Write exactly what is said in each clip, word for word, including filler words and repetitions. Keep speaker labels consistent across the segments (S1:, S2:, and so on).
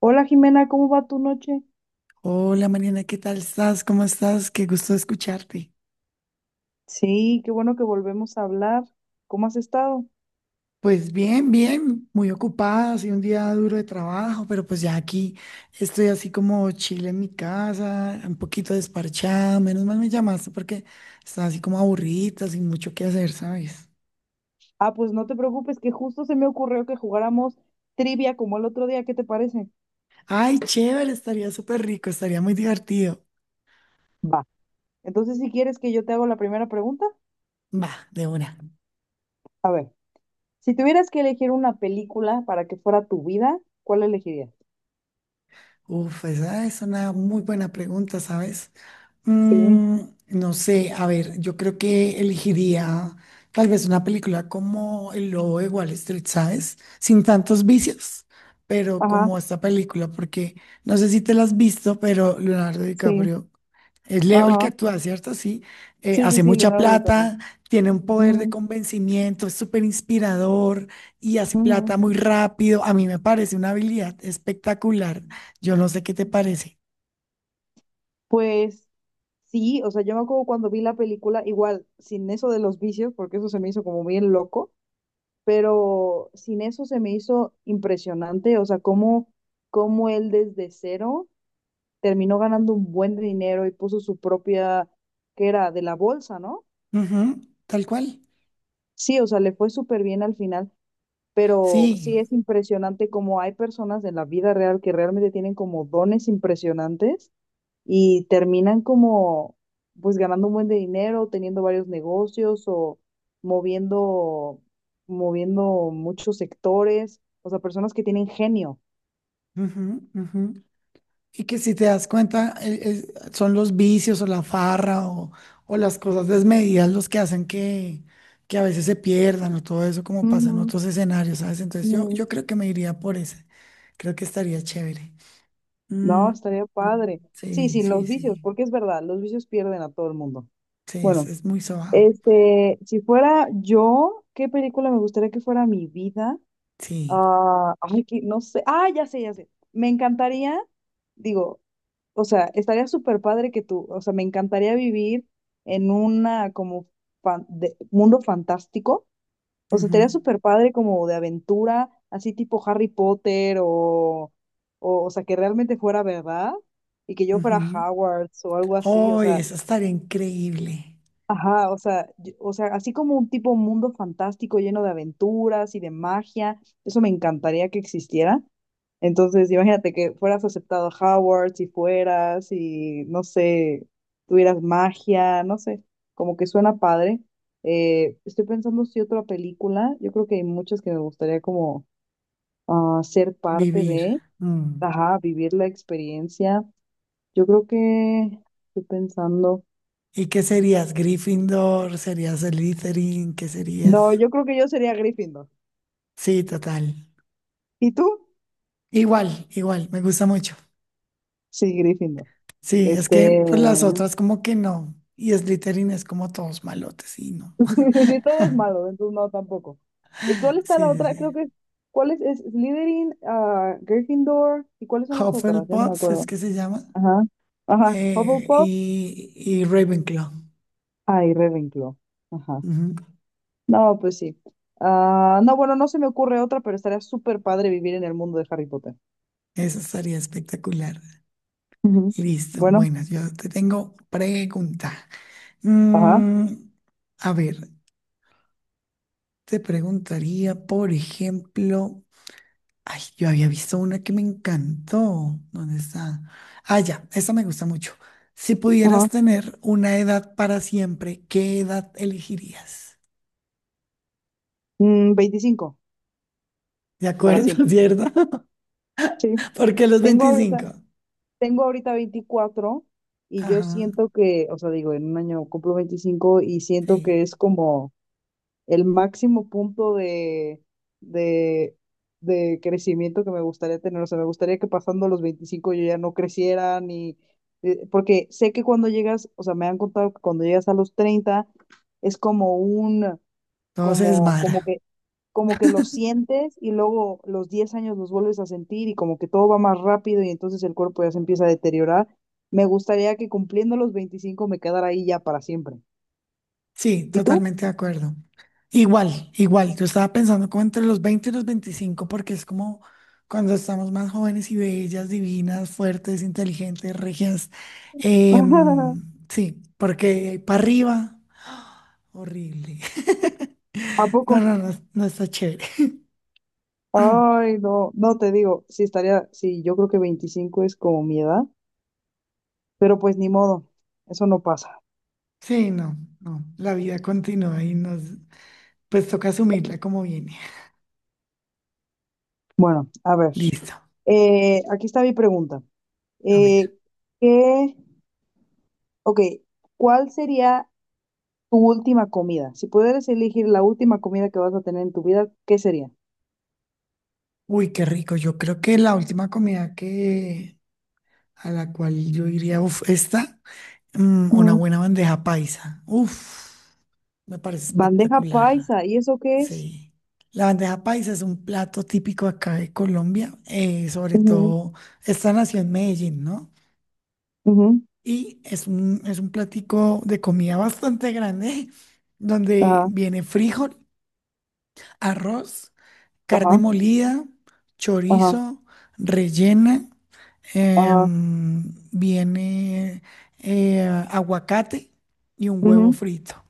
S1: Hola Jimena, ¿cómo va tu noche?
S2: Hola Mariana, ¿qué tal estás? ¿Cómo estás? Qué gusto escucharte.
S1: Sí, qué bueno que volvemos a hablar. ¿Cómo has estado?
S2: Pues bien, bien, muy ocupada, ha sido un día duro de trabajo, pero pues ya aquí estoy así como chile en mi casa, un poquito desparchada. Menos mal me llamaste porque estaba así como aburrida, sin mucho que hacer, ¿sabes?
S1: Ah, pues no te preocupes, que justo se me ocurrió que jugáramos trivia como el otro día, ¿qué te parece?
S2: Ay, chévere, estaría súper rico, estaría muy divertido.
S1: Va. Entonces, si quieres que yo te hago la primera pregunta,
S2: Va, de una.
S1: a ver, si tuvieras que elegir una película para que fuera tu vida, ¿cuál elegirías?
S2: Uf, esa es una muy buena pregunta, ¿sabes?
S1: Sí,
S2: Mm, no sé, a ver, yo creo que elegiría tal vez una película como El Lobo de Wall Street, ¿sabes? Sin tantos vicios, pero
S1: ajá,
S2: como esta película, porque no sé si te la has visto, pero Leonardo
S1: sí,
S2: DiCaprio es Leo el que
S1: ajá.
S2: actúa, ¿cierto? Sí, eh,
S1: Sí, sí,
S2: hace
S1: sí,
S2: mucha
S1: Leonardo DiCaprio.
S2: plata, tiene un poder de
S1: Ujú,
S2: convencimiento, es súper inspirador y hace
S1: ujú.
S2: plata muy rápido. A mí me parece una habilidad espectacular. Yo no sé qué te parece.
S1: Pues sí, o sea, yo me acuerdo cuando vi la película, igual, sin eso de los vicios, porque eso se me hizo como bien loco, pero sin eso se me hizo impresionante, o sea, cómo, cómo él desde cero terminó ganando un buen dinero y puso su propia, que era de la bolsa, ¿no?
S2: Ujú, tal cual.
S1: Sí, o sea, le fue súper bien al final, pero
S2: Sí.
S1: sí es impresionante como hay personas en la vida real que realmente tienen como dones impresionantes y terminan como pues ganando un buen de dinero, teniendo varios negocios o moviendo, moviendo muchos sectores, o sea, personas que tienen genio.
S2: Ujú, ujú. Y que si te das cuenta, eh, eh, son los vicios o la farra o, o las cosas desmedidas los que hacen que, que a veces se pierdan o todo eso como pasa en
S1: Ujú,
S2: otros escenarios, ¿sabes? Entonces yo,
S1: ujú.
S2: yo creo que me iría por ese. Creo que estaría chévere. Mm,
S1: No, estaría
S2: mm,
S1: padre. Sí,
S2: sí,
S1: sí,
S2: sí,
S1: los vicios,
S2: sí.
S1: porque es verdad, los vicios pierden a todo el mundo.
S2: Sí, es,
S1: Bueno,
S2: es muy sobado.
S1: este, si fuera yo, ¿qué película me gustaría que fuera mi vida?
S2: Sí.
S1: Ah, ay, que no sé. Ah, ya sé, ya sé. Me encantaría, digo, o sea, estaría súper padre que tú, o sea, me encantaría vivir en una como fan- de- mundo fantástico. O sea, estaría súper padre como de aventura, así tipo Harry Potter o, o, o sea, que realmente fuera verdad y que yo
S2: Ujú,
S1: fuera
S2: ujú.
S1: Hogwarts o algo así. O
S2: Oh,
S1: sea,
S2: eso estaría increíble.
S1: ajá, o sea, yo- o sea, así como un tipo mundo fantástico lleno de aventuras y de magia, eso me encantaría que existiera. Entonces, imagínate que fueras aceptado a Howard, si fueras, y no sé, tuvieras magia, no sé, como que suena padre. Eh, estoy pensando si otra película, yo creo que hay muchas que me gustaría como ah, ser parte
S2: Vivir.
S1: de,
S2: Mm.
S1: ajá, vivir la experiencia. Yo creo que, estoy pensando,
S2: ¿Y qué serías? ¿Gryffindor? ¿Serías Slytherin? ¿Qué
S1: no,
S2: serías?
S1: yo creo que yo sería Gryffindor.
S2: Sí, total.
S1: ¿Y tú?
S2: Igual, igual, me gusta mucho.
S1: Sí, Gryffindor.
S2: Sí, es que
S1: Este,
S2: pues, las otras como que no. Y Slytherin es como todos malotes, y no.
S1: sí, todo es malo, entonces no, tampoco. ¿Y cuál está
S2: Sí,
S1: la
S2: sí,
S1: otra? Creo
S2: sí.
S1: que, ¿cuál es? Es Slytherin, ah, Gryffindor, ¿y cuáles son las otras? Ya no me
S2: Hufflepuff es
S1: acuerdo.
S2: que se llama.
S1: Ajá, ajá,
S2: eh,
S1: Hufflepuff,
S2: y, y Ravenclaw.
S1: ah, y Ravenclaw. Ajá.
S2: Ujú,
S1: No, pues sí. Ah, no, bueno, no se me ocurre otra, pero estaría súper padre vivir en el mundo de Harry Potter.
S2: eso estaría espectacular.
S1: Ujú.
S2: Listo.
S1: Bueno,
S2: Bueno, yo te tengo pregunta.
S1: ajá,
S2: Mm, a ver, te preguntaría, por ejemplo. Ay, yo había visto una que me encantó. ¿Dónde está? Ah, ya, esa me gusta mucho. Si pudieras
S1: ajá.
S2: tener una edad para siempre, ¿qué edad elegirías?
S1: Mm, veinticinco,
S2: ¿De
S1: para
S2: acuerdo,
S1: siempre.
S2: cierto?
S1: Sí.
S2: Porque los
S1: Tengo ahorita,
S2: veinticinco.
S1: Tengo ahorita veinticuatro y yo
S2: Ajá,
S1: siento que, o sea, digo, en un año cumplo veinticinco y siento
S2: sí.
S1: que es como el máximo punto de, de, de crecimiento que me gustaría tener. O sea, me gustaría que pasando los veinticinco yo ya no creciera ni... eh, Porque sé que cuando llegas, o sea, me han contado que cuando llegas a los treinta es como un,
S2: Todo se
S1: como, como
S2: desmadra.
S1: que como que los sientes y luego los diez años los vuelves a sentir y como que todo va más rápido y entonces el cuerpo ya se empieza a deteriorar. Me gustaría que cumpliendo los veinticinco me quedara ahí ya para siempre.
S2: Sí,
S1: ¿Y tú?
S2: totalmente de acuerdo. Igual, igual. Yo estaba pensando como entre los veinte y los veinticinco, porque es como cuando estamos más jóvenes y bellas, divinas, fuertes, inteligentes, regias. Em, sí, porque para arriba, horrible.
S1: ¿A
S2: No,
S1: poco?
S2: no, no, no está chévere.
S1: Ay, no, no te digo, sí estaría, sí, yo creo que veinticinco es como mi edad, pero pues ni modo, eso no pasa.
S2: Sí, no, no. La vida continúa y nos, pues toca asumirla como viene.
S1: Bueno, a ver,
S2: Listo.
S1: eh, aquí está mi pregunta.
S2: A ver.
S1: Eh, ¿qué, ok, cuál sería tu última comida. Si pudieras elegir la última comida que vas a tener en tu vida, ¿qué sería?
S2: Uy, qué rico. Yo creo que la última comida que a la cual yo iría, uf, esta. Mm, una
S1: Ujú,
S2: buena bandeja paisa. Uf, me parece
S1: bandeja
S2: espectacular.
S1: paisa, ¿y eso qué es?
S2: Sí. La bandeja paisa es un plato típico acá de Colombia, eh, sobre
S1: Ujú,
S2: todo esta nació en Medellín, ¿no?
S1: ujú,
S2: Y es un, es un platico de comida bastante grande, donde
S1: ajá,
S2: viene frijol, arroz, carne
S1: ajá,
S2: molida,
S1: ajá,
S2: chorizo, rellena,
S1: ajá.
S2: em, viene eh, aguacate y un huevo
S1: Ujú.
S2: frito.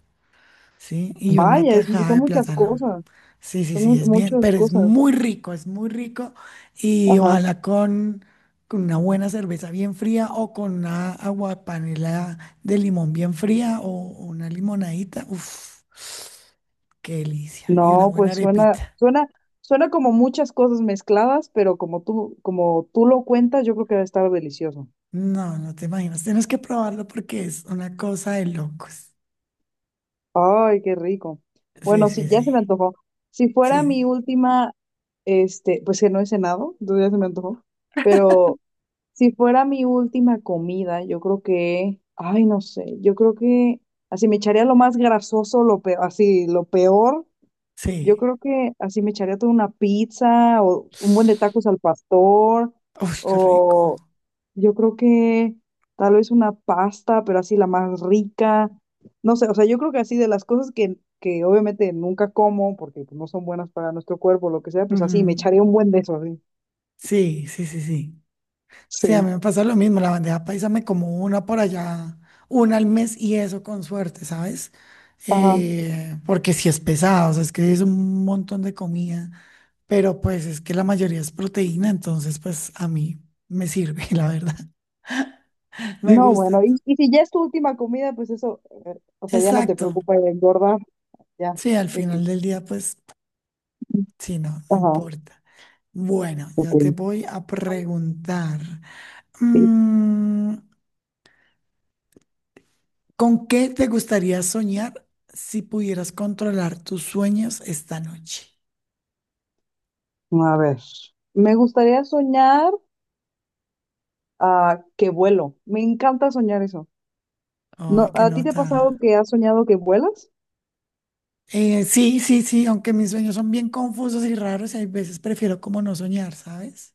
S2: Sí, y una
S1: Vaya, es mu-
S2: tajada
S1: son
S2: de
S1: muchas
S2: plátano.
S1: cosas,
S2: Sí, sí,
S1: son
S2: sí,
S1: mu-
S2: es bien,
S1: muchas
S2: pero es
S1: cosas.
S2: muy rico, es muy rico. Y
S1: Ajá.
S2: ojalá con, con una buena cerveza bien fría o con una aguapanela de limón bien fría o una limonadita. Uf, qué delicia. Y una
S1: No,
S2: buena
S1: pues suena,
S2: arepita.
S1: suena, suena como muchas cosas mezcladas, pero como tú, como tú lo cuentas, yo creo que va a estar delicioso.
S2: No, no te imaginas. Tienes que probarlo porque es una cosa de locos.
S1: Ay, qué rico.
S2: Sí,
S1: Bueno, sí,
S2: sí,
S1: ya
S2: sí.
S1: se me antojó. Si fuera mi
S2: Sí,
S1: última, este, pues que no he cenado, entonces ya se me antojó. Pero si fuera mi última comida, yo creo que, ay, no sé, yo creo que así me echaría lo más grasoso, lo peor, así, lo peor. Yo
S2: sí.
S1: creo que así me echaría toda una pizza o un buen de tacos al pastor
S2: Uf, qué rico.
S1: o yo creo que tal vez una pasta, pero así la más rica. No sé, o sea, yo creo que así de las cosas que, que obviamente nunca como, porque pues, no son buenas para nuestro cuerpo, lo que sea, pues así me
S2: Ujú.
S1: echaré un buen de eso, así.
S2: Sí, sí, sí, sí.
S1: Sí.
S2: Sí, a mí me pasa lo mismo, la bandeja paisa me como una por allá, una al mes y eso con suerte, ¿sabes?
S1: Ajá.
S2: Eh, porque si es pesado, o sea, es que es un montón de comida, pero pues es que la mayoría es proteína, entonces pues a mí me sirve, la verdad, me
S1: No,
S2: gusta.
S1: bueno, y, y si ya es tu última comida, pues eso, eh, o sea, ya no te
S2: Exacto,
S1: preocupa el engordar, ya.
S2: sí, al
S1: X.
S2: final del día pues sí, no, no
S1: Ajá.
S2: importa. Bueno,
S1: Ok.
S2: yo te voy a preguntar.
S1: Sí.
S2: mm, ¿Con qué te gustaría soñar si pudieras controlar tus sueños esta noche?
S1: A ver. Me gustaría soñar ah, que vuelo. Me encanta soñar eso.
S2: Ay,
S1: No,
S2: qué
S1: ¿a ti te ha pasado
S2: nota.
S1: que has soñado que vuelas?
S2: Eh, sí, sí, sí, aunque mis sueños son bien confusos y raros, hay veces prefiero como no soñar, ¿sabes?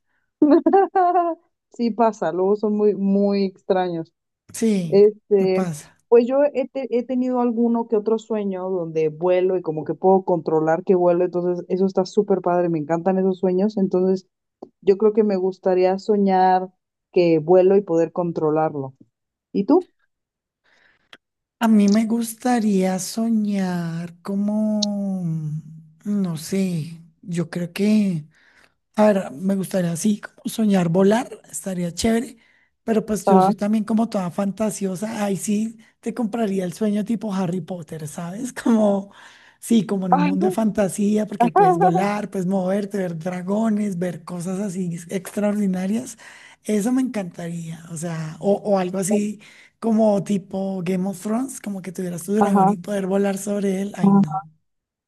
S1: Sí pasa, luego son muy, muy extraños.
S2: Sí, me
S1: Este,
S2: pasa.
S1: pues yo he, te- he tenido alguno que otro sueño donde vuelo y como que puedo controlar que vuelo, entonces eso está súper padre, me encantan esos sueños, entonces yo creo que me gustaría soñar que vuelo y poder controlarlo. ¿Y tú?
S2: A mí me gustaría soñar como, no sé, yo creo que a ver, me gustaría así como soñar volar, estaría chévere, pero pues yo
S1: Ajá.
S2: soy también como toda fantasiosa, ahí sí te compraría el sueño tipo Harry Potter, ¿sabes? Como, sí, como en un mundo de fantasía, porque ahí puedes
S1: Ajá.
S2: volar, puedes moverte, ver dragones, ver cosas así extraordinarias, eso me encantaría, o sea, o, o algo así como tipo Game of Thrones, como que tuvieras tu dragón
S1: Ajá.
S2: y poder volar sobre él, ay no,
S1: Ajá.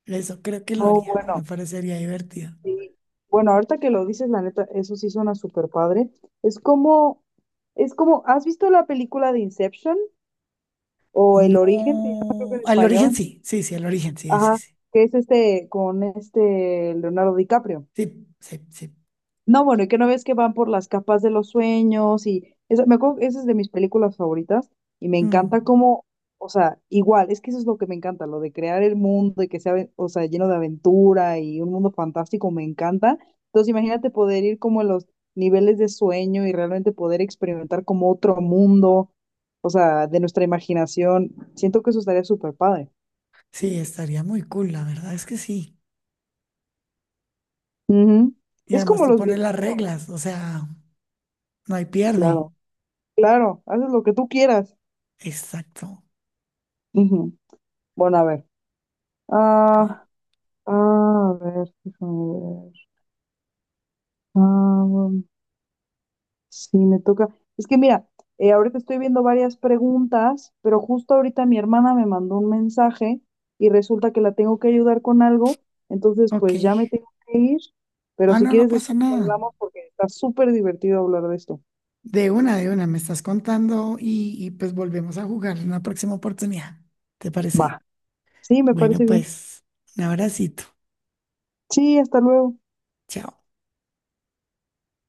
S2: eso creo que lo
S1: No,
S2: haría,
S1: bueno.
S2: me parecería divertido.
S1: Sí. Bueno, ahorita que lo dices, la neta, eso sí suena súper padre. Es como, es como, ¿has visto la película de Inception o El Origen? Se llama creo que
S2: No,
S1: en
S2: al origen
S1: español.
S2: sí, sí, sí, al origen sí, sí,
S1: Ajá,
S2: sí,
S1: que es este con este Leonardo DiCaprio.
S2: sí, sí, sí.
S1: No, bueno, y que no ves que van por las capas de los sueños y esa, me acuerdo, que esa es de mis películas favoritas y me
S2: Mm,
S1: encanta cómo, o sea, igual, es que eso es lo que me encanta, lo de crear el mundo y que sea, o sea, lleno de aventura y un mundo fantástico, me encanta. Entonces, imagínate poder ir como a los niveles de sueño y realmente poder experimentar como otro mundo, o sea, de nuestra imaginación. Siento que eso estaría súper padre.
S2: sí, estaría muy cool, la verdad es que sí.
S1: Ujú.
S2: Y
S1: Es
S2: además
S1: como
S2: tú
S1: los
S2: pones
S1: videos,
S2: las reglas, o sea, no hay pierde.
S1: claro, claro, haces lo que tú quieras.
S2: Exacto.
S1: Ujú. Bueno, a ver.
S2: Sí.
S1: Ah, ah, a ver, déjame ver. Ah, um, sí, me toca. Es que mira, eh, ahorita estoy viendo varias preguntas, pero justo ahorita mi hermana me mandó un mensaje y resulta que la tengo que ayudar con algo, entonces
S2: Ok.
S1: pues ya me tengo que ir, pero
S2: Ah,
S1: si
S2: no, no
S1: quieres
S2: pasa
S1: después
S2: nada.
S1: hablamos porque está súper divertido hablar de esto.
S2: De una, de una, me estás contando y, y pues volvemos a jugar en una próxima oportunidad. ¿Te parece?
S1: Va, sí, me
S2: Bueno,
S1: parece bien.
S2: pues, un abracito.
S1: Sí, hasta luego.
S2: Chao.